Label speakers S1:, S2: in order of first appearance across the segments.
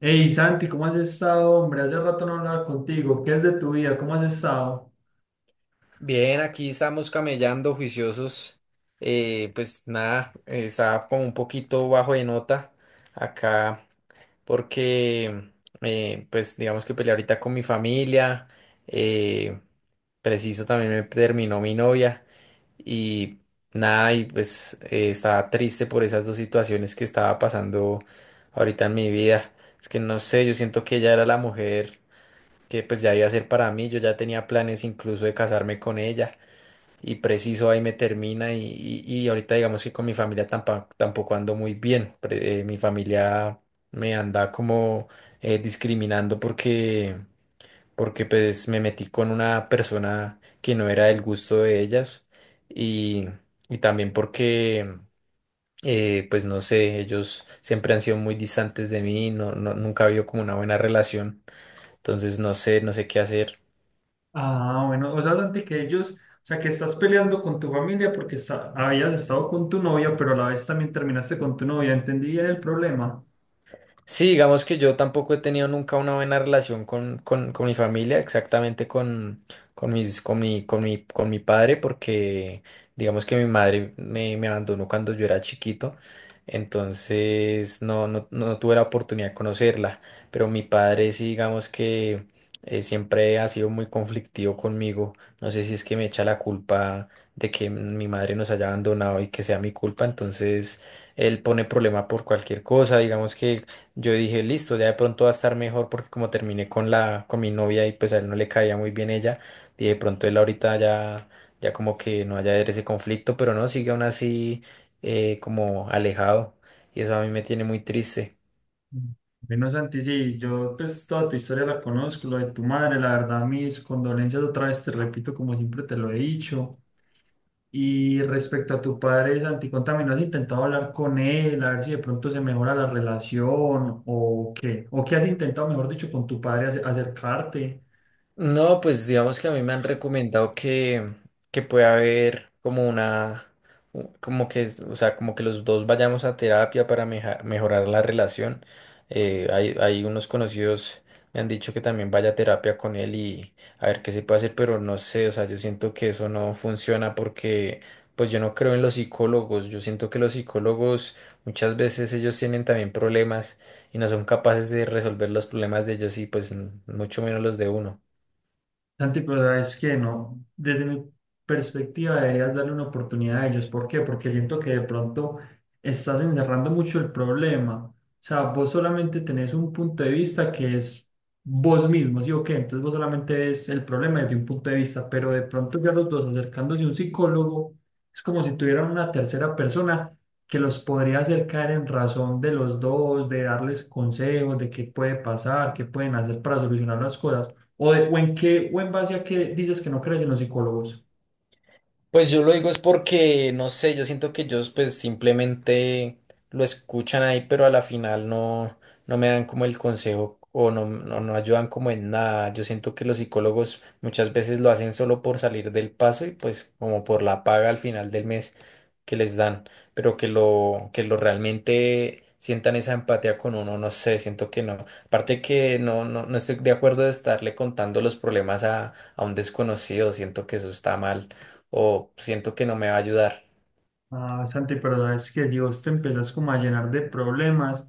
S1: Hey Santi, ¿cómo has estado, hombre? Hace rato no hablaba contigo. ¿Qué es de tu vida? ¿Cómo has estado?
S2: Bien, aquí estamos camellando juiciosos. Pues nada, estaba como un poquito bajo de nota acá porque, pues digamos que peleé ahorita con mi familia. eh, Preciso también me terminó mi novia y nada, y pues estaba triste por esas dos situaciones que estaba pasando ahorita en mi vida. Es que no sé, yo siento que ella era la mujer que pues ya iba a ser para mí. Yo ya tenía planes incluso de casarme con ella y preciso ahí me termina y ahorita digamos que con mi familia tampoco ando muy bien. Mi familia me anda como discriminando porque pues me metí con una persona que no era del gusto de ellas y, y también porque... pues no sé, ellos siempre han sido muy distantes de mí, nunca ha habido como una buena relación, entonces no sé, no sé qué hacer.
S1: Ah, bueno, o sea, Santi, que ellos, o sea, que estás peleando con tu familia porque habías estado con tu novia, pero a la vez también terminaste con tu novia. ¿Entendí bien el problema?
S2: Sí, digamos que yo tampoco he tenido nunca una buena relación con mi familia, exactamente con mi padre, porque digamos que mi madre me abandonó cuando yo era chiquito, entonces no tuve la oportunidad de conocerla, pero mi padre sí, digamos que siempre ha sido muy conflictivo conmigo, no sé si es que me echa la culpa de que mi madre nos haya abandonado y que sea mi culpa, entonces él pone problema por cualquier cosa, digamos que yo dije, listo, ya de pronto va a estar mejor porque como terminé con con mi novia y pues a él no le caía muy bien ella, y de pronto él ya como que no haya ese conflicto, pero no, sigue aún así como alejado y eso a mí me tiene muy triste.
S1: Mm. Bueno, Santi, sí, yo pues toda tu historia la conozco, lo de tu madre, la verdad, mis condolencias otra vez, te repito, como siempre te lo he dicho. Y respecto a tu padre Santi, también ¿has intentado hablar con él, a ver si de pronto se mejora la relación o qué? ¿O qué has intentado, mejor dicho, con tu padre acercarte?
S2: No, pues digamos que a mí me han recomendado que pueda haber como una, como que, o sea, como que los dos vayamos a terapia para mejorar la relación. Hay unos conocidos me han dicho que también vaya a terapia con él y a ver qué se puede hacer, pero no sé, o sea, yo siento que eso no funciona porque pues yo no creo en los psicólogos, yo siento que los psicólogos muchas veces ellos tienen también problemas y no son capaces de resolver los problemas de ellos y pues mucho menos los de uno.
S1: Santi, pero sabes que no, desde mi perspectiva deberías darle una oportunidad a ellos. ¿Por qué? Porque siento que de pronto estás encerrando mucho el problema. O sea, vos solamente tenés un punto de vista que es vos mismo, ¿sí o qué? Entonces vos solamente ves el problema desde un punto de vista, pero de pronto ya los dos acercándose a un psicólogo, es como si tuvieran una tercera persona que los podría hacer caer en razón de los dos, de darles consejos de qué puede pasar, qué pueden hacer para solucionar las cosas. ¿O, de- o en qué, o en base a qué dices que no crees en los psicólogos?
S2: Pues yo lo digo es porque, no sé, yo siento que ellos pues simplemente lo escuchan ahí, pero a la final no, no me dan como el consejo o no ayudan como en nada. Yo siento que los psicólogos muchas veces lo hacen solo por salir del paso y pues como por la paga al final del mes que les dan, pero que lo realmente sientan esa empatía con uno, no sé, siento que no. Aparte que no estoy de acuerdo de estarle contando los problemas a un desconocido, siento que eso está mal o siento que no me va a ayudar.
S1: Ah, Santi, pero sabes que si vos te empiezas como a llenar de problemas,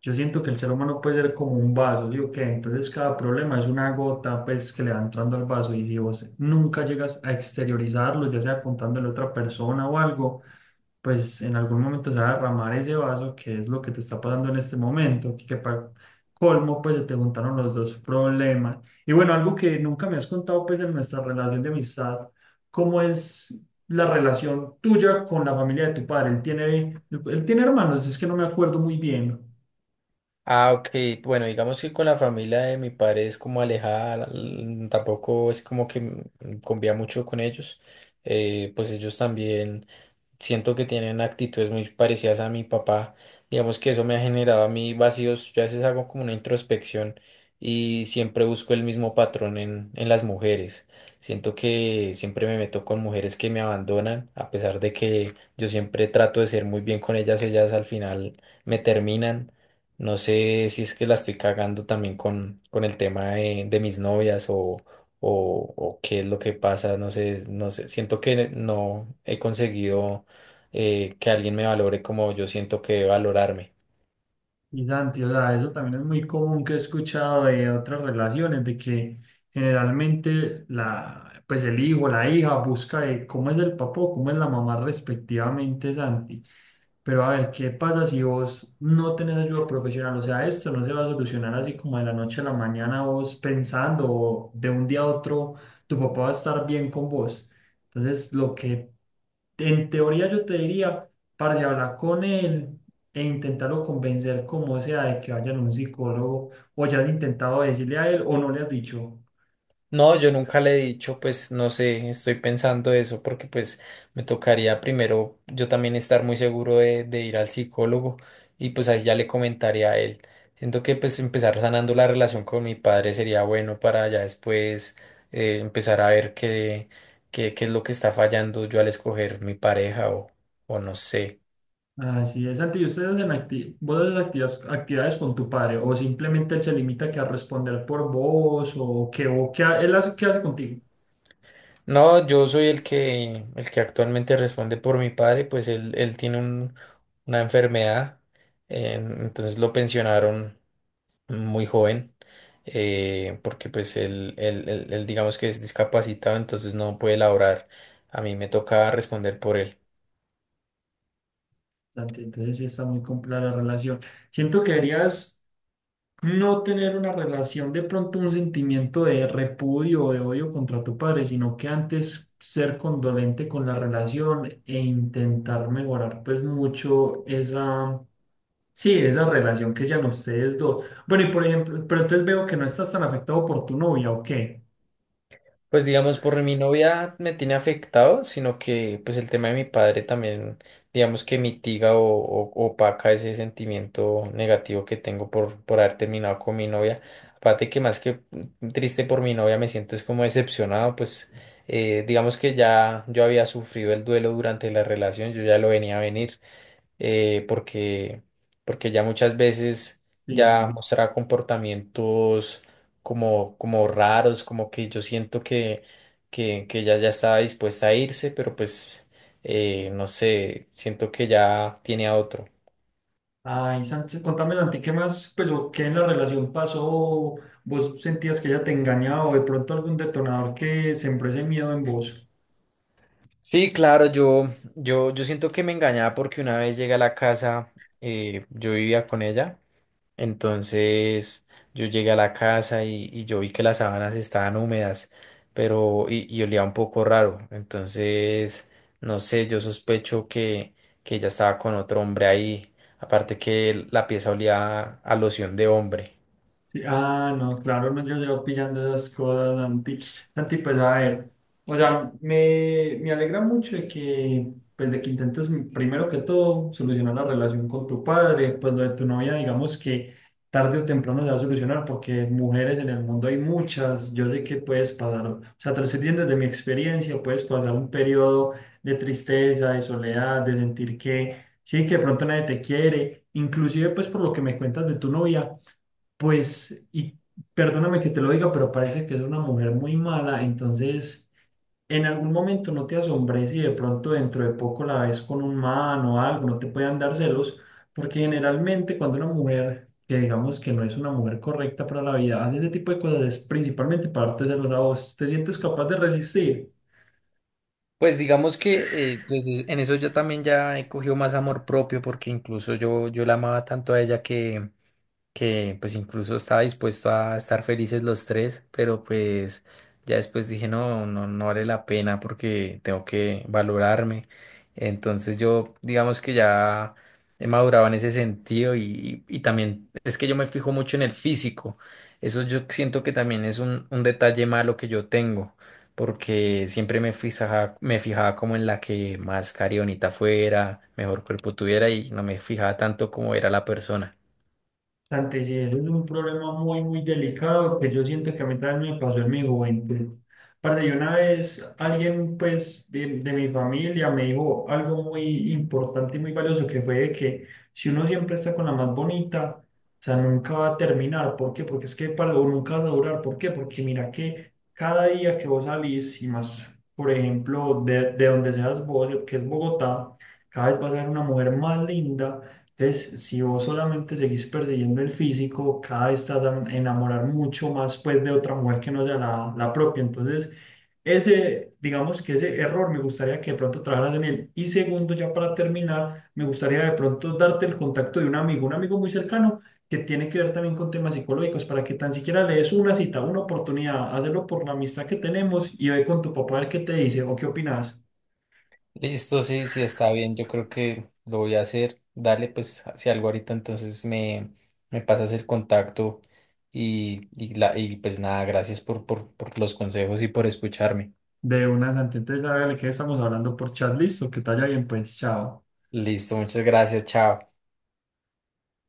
S1: yo siento que el ser humano puede ser como un vaso, ¿sí o qué? Entonces cada problema es una gota pues que le va entrando al vaso y si vos nunca llegas a exteriorizarlo, ya sea contándole a otra persona o algo, pues en algún momento se va a derramar ese vaso, que es lo que te está pasando en este momento, que para colmo, pues se te juntaron los dos problemas. Y bueno, algo que nunca me has contado, pues en nuestra relación de amistad, ¿cómo es la relación tuya con la familia de tu padre? Él tiene hermanos, es que no me acuerdo muy bien.
S2: Ah, ok. Bueno, digamos que con la familia de mi padre es como alejada, tampoco es como que convía mucho con ellos. Pues ellos también siento que tienen actitudes muy parecidas a mi papá. Digamos que eso me ha generado a mí vacíos. Yo a veces hago como una introspección y siempre busco el mismo patrón en las mujeres. Siento que siempre me meto con mujeres que me abandonan, a pesar de que yo siempre trato de ser muy bien con ellas, ellas al final me terminan. No sé si es que la estoy cagando también con el tema de mis novias o qué es lo que pasa, no sé, no sé, siento que no he conseguido que alguien me valore como yo siento que debe valorarme.
S1: Y Santi, o sea, eso también es muy común que he escuchado de otras relaciones, de que generalmente la, pues el hijo, la hija busca de cómo es el papá o cómo es la mamá respectivamente, Santi. Pero a ver, ¿qué pasa si vos no tenés ayuda profesional? O sea, esto no se va a solucionar así como de la noche a la mañana vos pensando o de un día a otro tu papá va a estar bien con vos. Entonces, lo que en teoría yo te diría, para hablar con él e intentarlo convencer como sea de que vayan a un psicólogo o ya has intentado decirle a él o no le has dicho.
S2: No, yo nunca le he dicho, pues no sé, estoy pensando eso porque pues me tocaría primero yo también estar muy seguro de ir al psicólogo y pues ahí ya le comentaría a él. Siento que pues empezar sanando la relación con mi padre sería bueno para ya después empezar a ver qué es lo que está fallando yo al escoger mi pareja o no sé.
S1: Así es, Santi, ¿y ustedes hacen vos haces actividades con tu padre o simplemente él se limita que a responder por vos o que o qué él hace, qué hace contigo?
S2: No, yo soy el que actualmente responde por mi padre, pues él, una enfermedad, entonces lo pensionaron muy joven, porque pues él digamos que es discapacitado, entonces no puede laborar. A mí me toca responder por él.
S1: Santi, entonces sí está muy compleja la relación. Siento que deberías no tener una relación, de pronto un sentimiento de repudio o de odio contra tu padre, sino que antes ser condolente con la relación e intentar mejorar pues mucho esa, sí, esa relación que ya no ustedes dos. Bueno, y por ejemplo, pero entonces veo que no estás tan afectado por tu novia, ¿o qué?
S2: Pues digamos, por mi novia me tiene afectado, sino que pues el tema de mi padre también, digamos que opaca ese sentimiento negativo que tengo por haber terminado con mi novia. Aparte que más que triste por mi novia me siento es como decepcionado, pues digamos que ya yo había sufrido el duelo durante la relación, yo ya lo venía a venir eh, porque, porque ya muchas veces
S1: Sí.
S2: ya
S1: Sí.
S2: mostraba comportamientos como raros, como que yo siento que ella ya estaba dispuesta a irse, pero pues no sé, siento que ya tiene a otro.
S1: Ay, Sánchez, contame, Santi, ¿qué más, pues, o qué en la relación pasó? ¿Vos sentías que ella te engañaba o de pronto algún detonador que sembró ese miedo en vos?
S2: Sí, claro, yo siento que me engañaba porque una vez llegué a la casa, yo vivía con ella. Entonces yo llegué a la casa y yo vi que las sábanas estaban húmedas, pero y olía un poco raro. Entonces, no sé, yo sospecho que ella estaba con otro hombre ahí. Aparte que la pieza olía a loción de hombre.
S1: Sí, ah, no, claro, no, yo llevo pillando esas cosas, Santi. Santi, pues a ver, o sea, me alegra mucho de que, pues de que intentes primero que todo solucionar la relación con tu padre, pues lo de tu novia, digamos que tarde o temprano se va a solucionar porque mujeres en el mundo hay muchas, yo sé que puedes pasar, o sea, te lo estoy diciendo desde mi experiencia, puedes pasar un periodo de tristeza, de soledad, de sentir que, sí, que de pronto nadie te quiere, inclusive pues por lo que me cuentas de tu novia. Pues, y perdóname que te lo diga, pero parece que es una mujer muy mala, entonces en algún momento no te asombres si de pronto dentro de poco la ves con un man o algo, no te puedan dar celos, porque generalmente cuando una mujer, que digamos que no es una mujer correcta para la vida, hace ese tipo de cosas, es principalmente para darte celos a vos, te sientes capaz de resistir.
S2: Pues digamos que en eso yo también ya he cogido más amor propio porque incluso yo la amaba tanto a ella que pues incluso estaba dispuesto a estar felices los tres, pero pues ya después dije, no vale la pena porque tengo que valorarme. Entonces yo digamos que ya he madurado en ese sentido y también es que yo me fijo mucho en el físico. Eso yo siento que también es un detalle malo que yo tengo. Porque siempre me fijaba como en la que más carionita fuera, mejor cuerpo tuviera y no me fijaba tanto como era la persona.
S1: Santi, sí, eso es un problema muy, muy delicado que yo siento que a mí también me pasó en mi juventud. Aparte, yo una vez alguien pues de mi familia me dijo algo muy importante y muy valioso que fue de que si uno siempre está con la más bonita, o sea, nunca va a terminar. ¿Por qué? Porque es que para o nunca vas a durar. ¿Por qué? Porque mira que cada día que vos salís y más, por ejemplo, de donde seas vos, que es Bogotá, cada vez vas a ver una mujer más linda entonces, si vos solamente seguís persiguiendo el físico, cada vez estás a enamorar mucho más pues de otra mujer que no sea la propia. Entonces, ese, digamos que ese error me gustaría que de pronto trabajaras en él. Y segundo, ya para terminar, me gustaría de pronto darte el contacto de un amigo muy cercano que tiene que ver también con temas psicológicos, para que tan siquiera le des una cita, una oportunidad, hazlo por la amistad que tenemos y ve con tu papá a ver qué te dice o qué opinas.
S2: Listo, sí, sí, está bien. Yo creo que lo voy a hacer. Dale, pues, si algo ahorita, me pasas el contacto y pues nada, gracias por los consejos y por escucharme.
S1: De una, Santi. Entonces, a ver, ¿de qué estamos hablando por chat? Listo, que te vaya bien, pues, chao.
S2: Listo, muchas gracias, chao.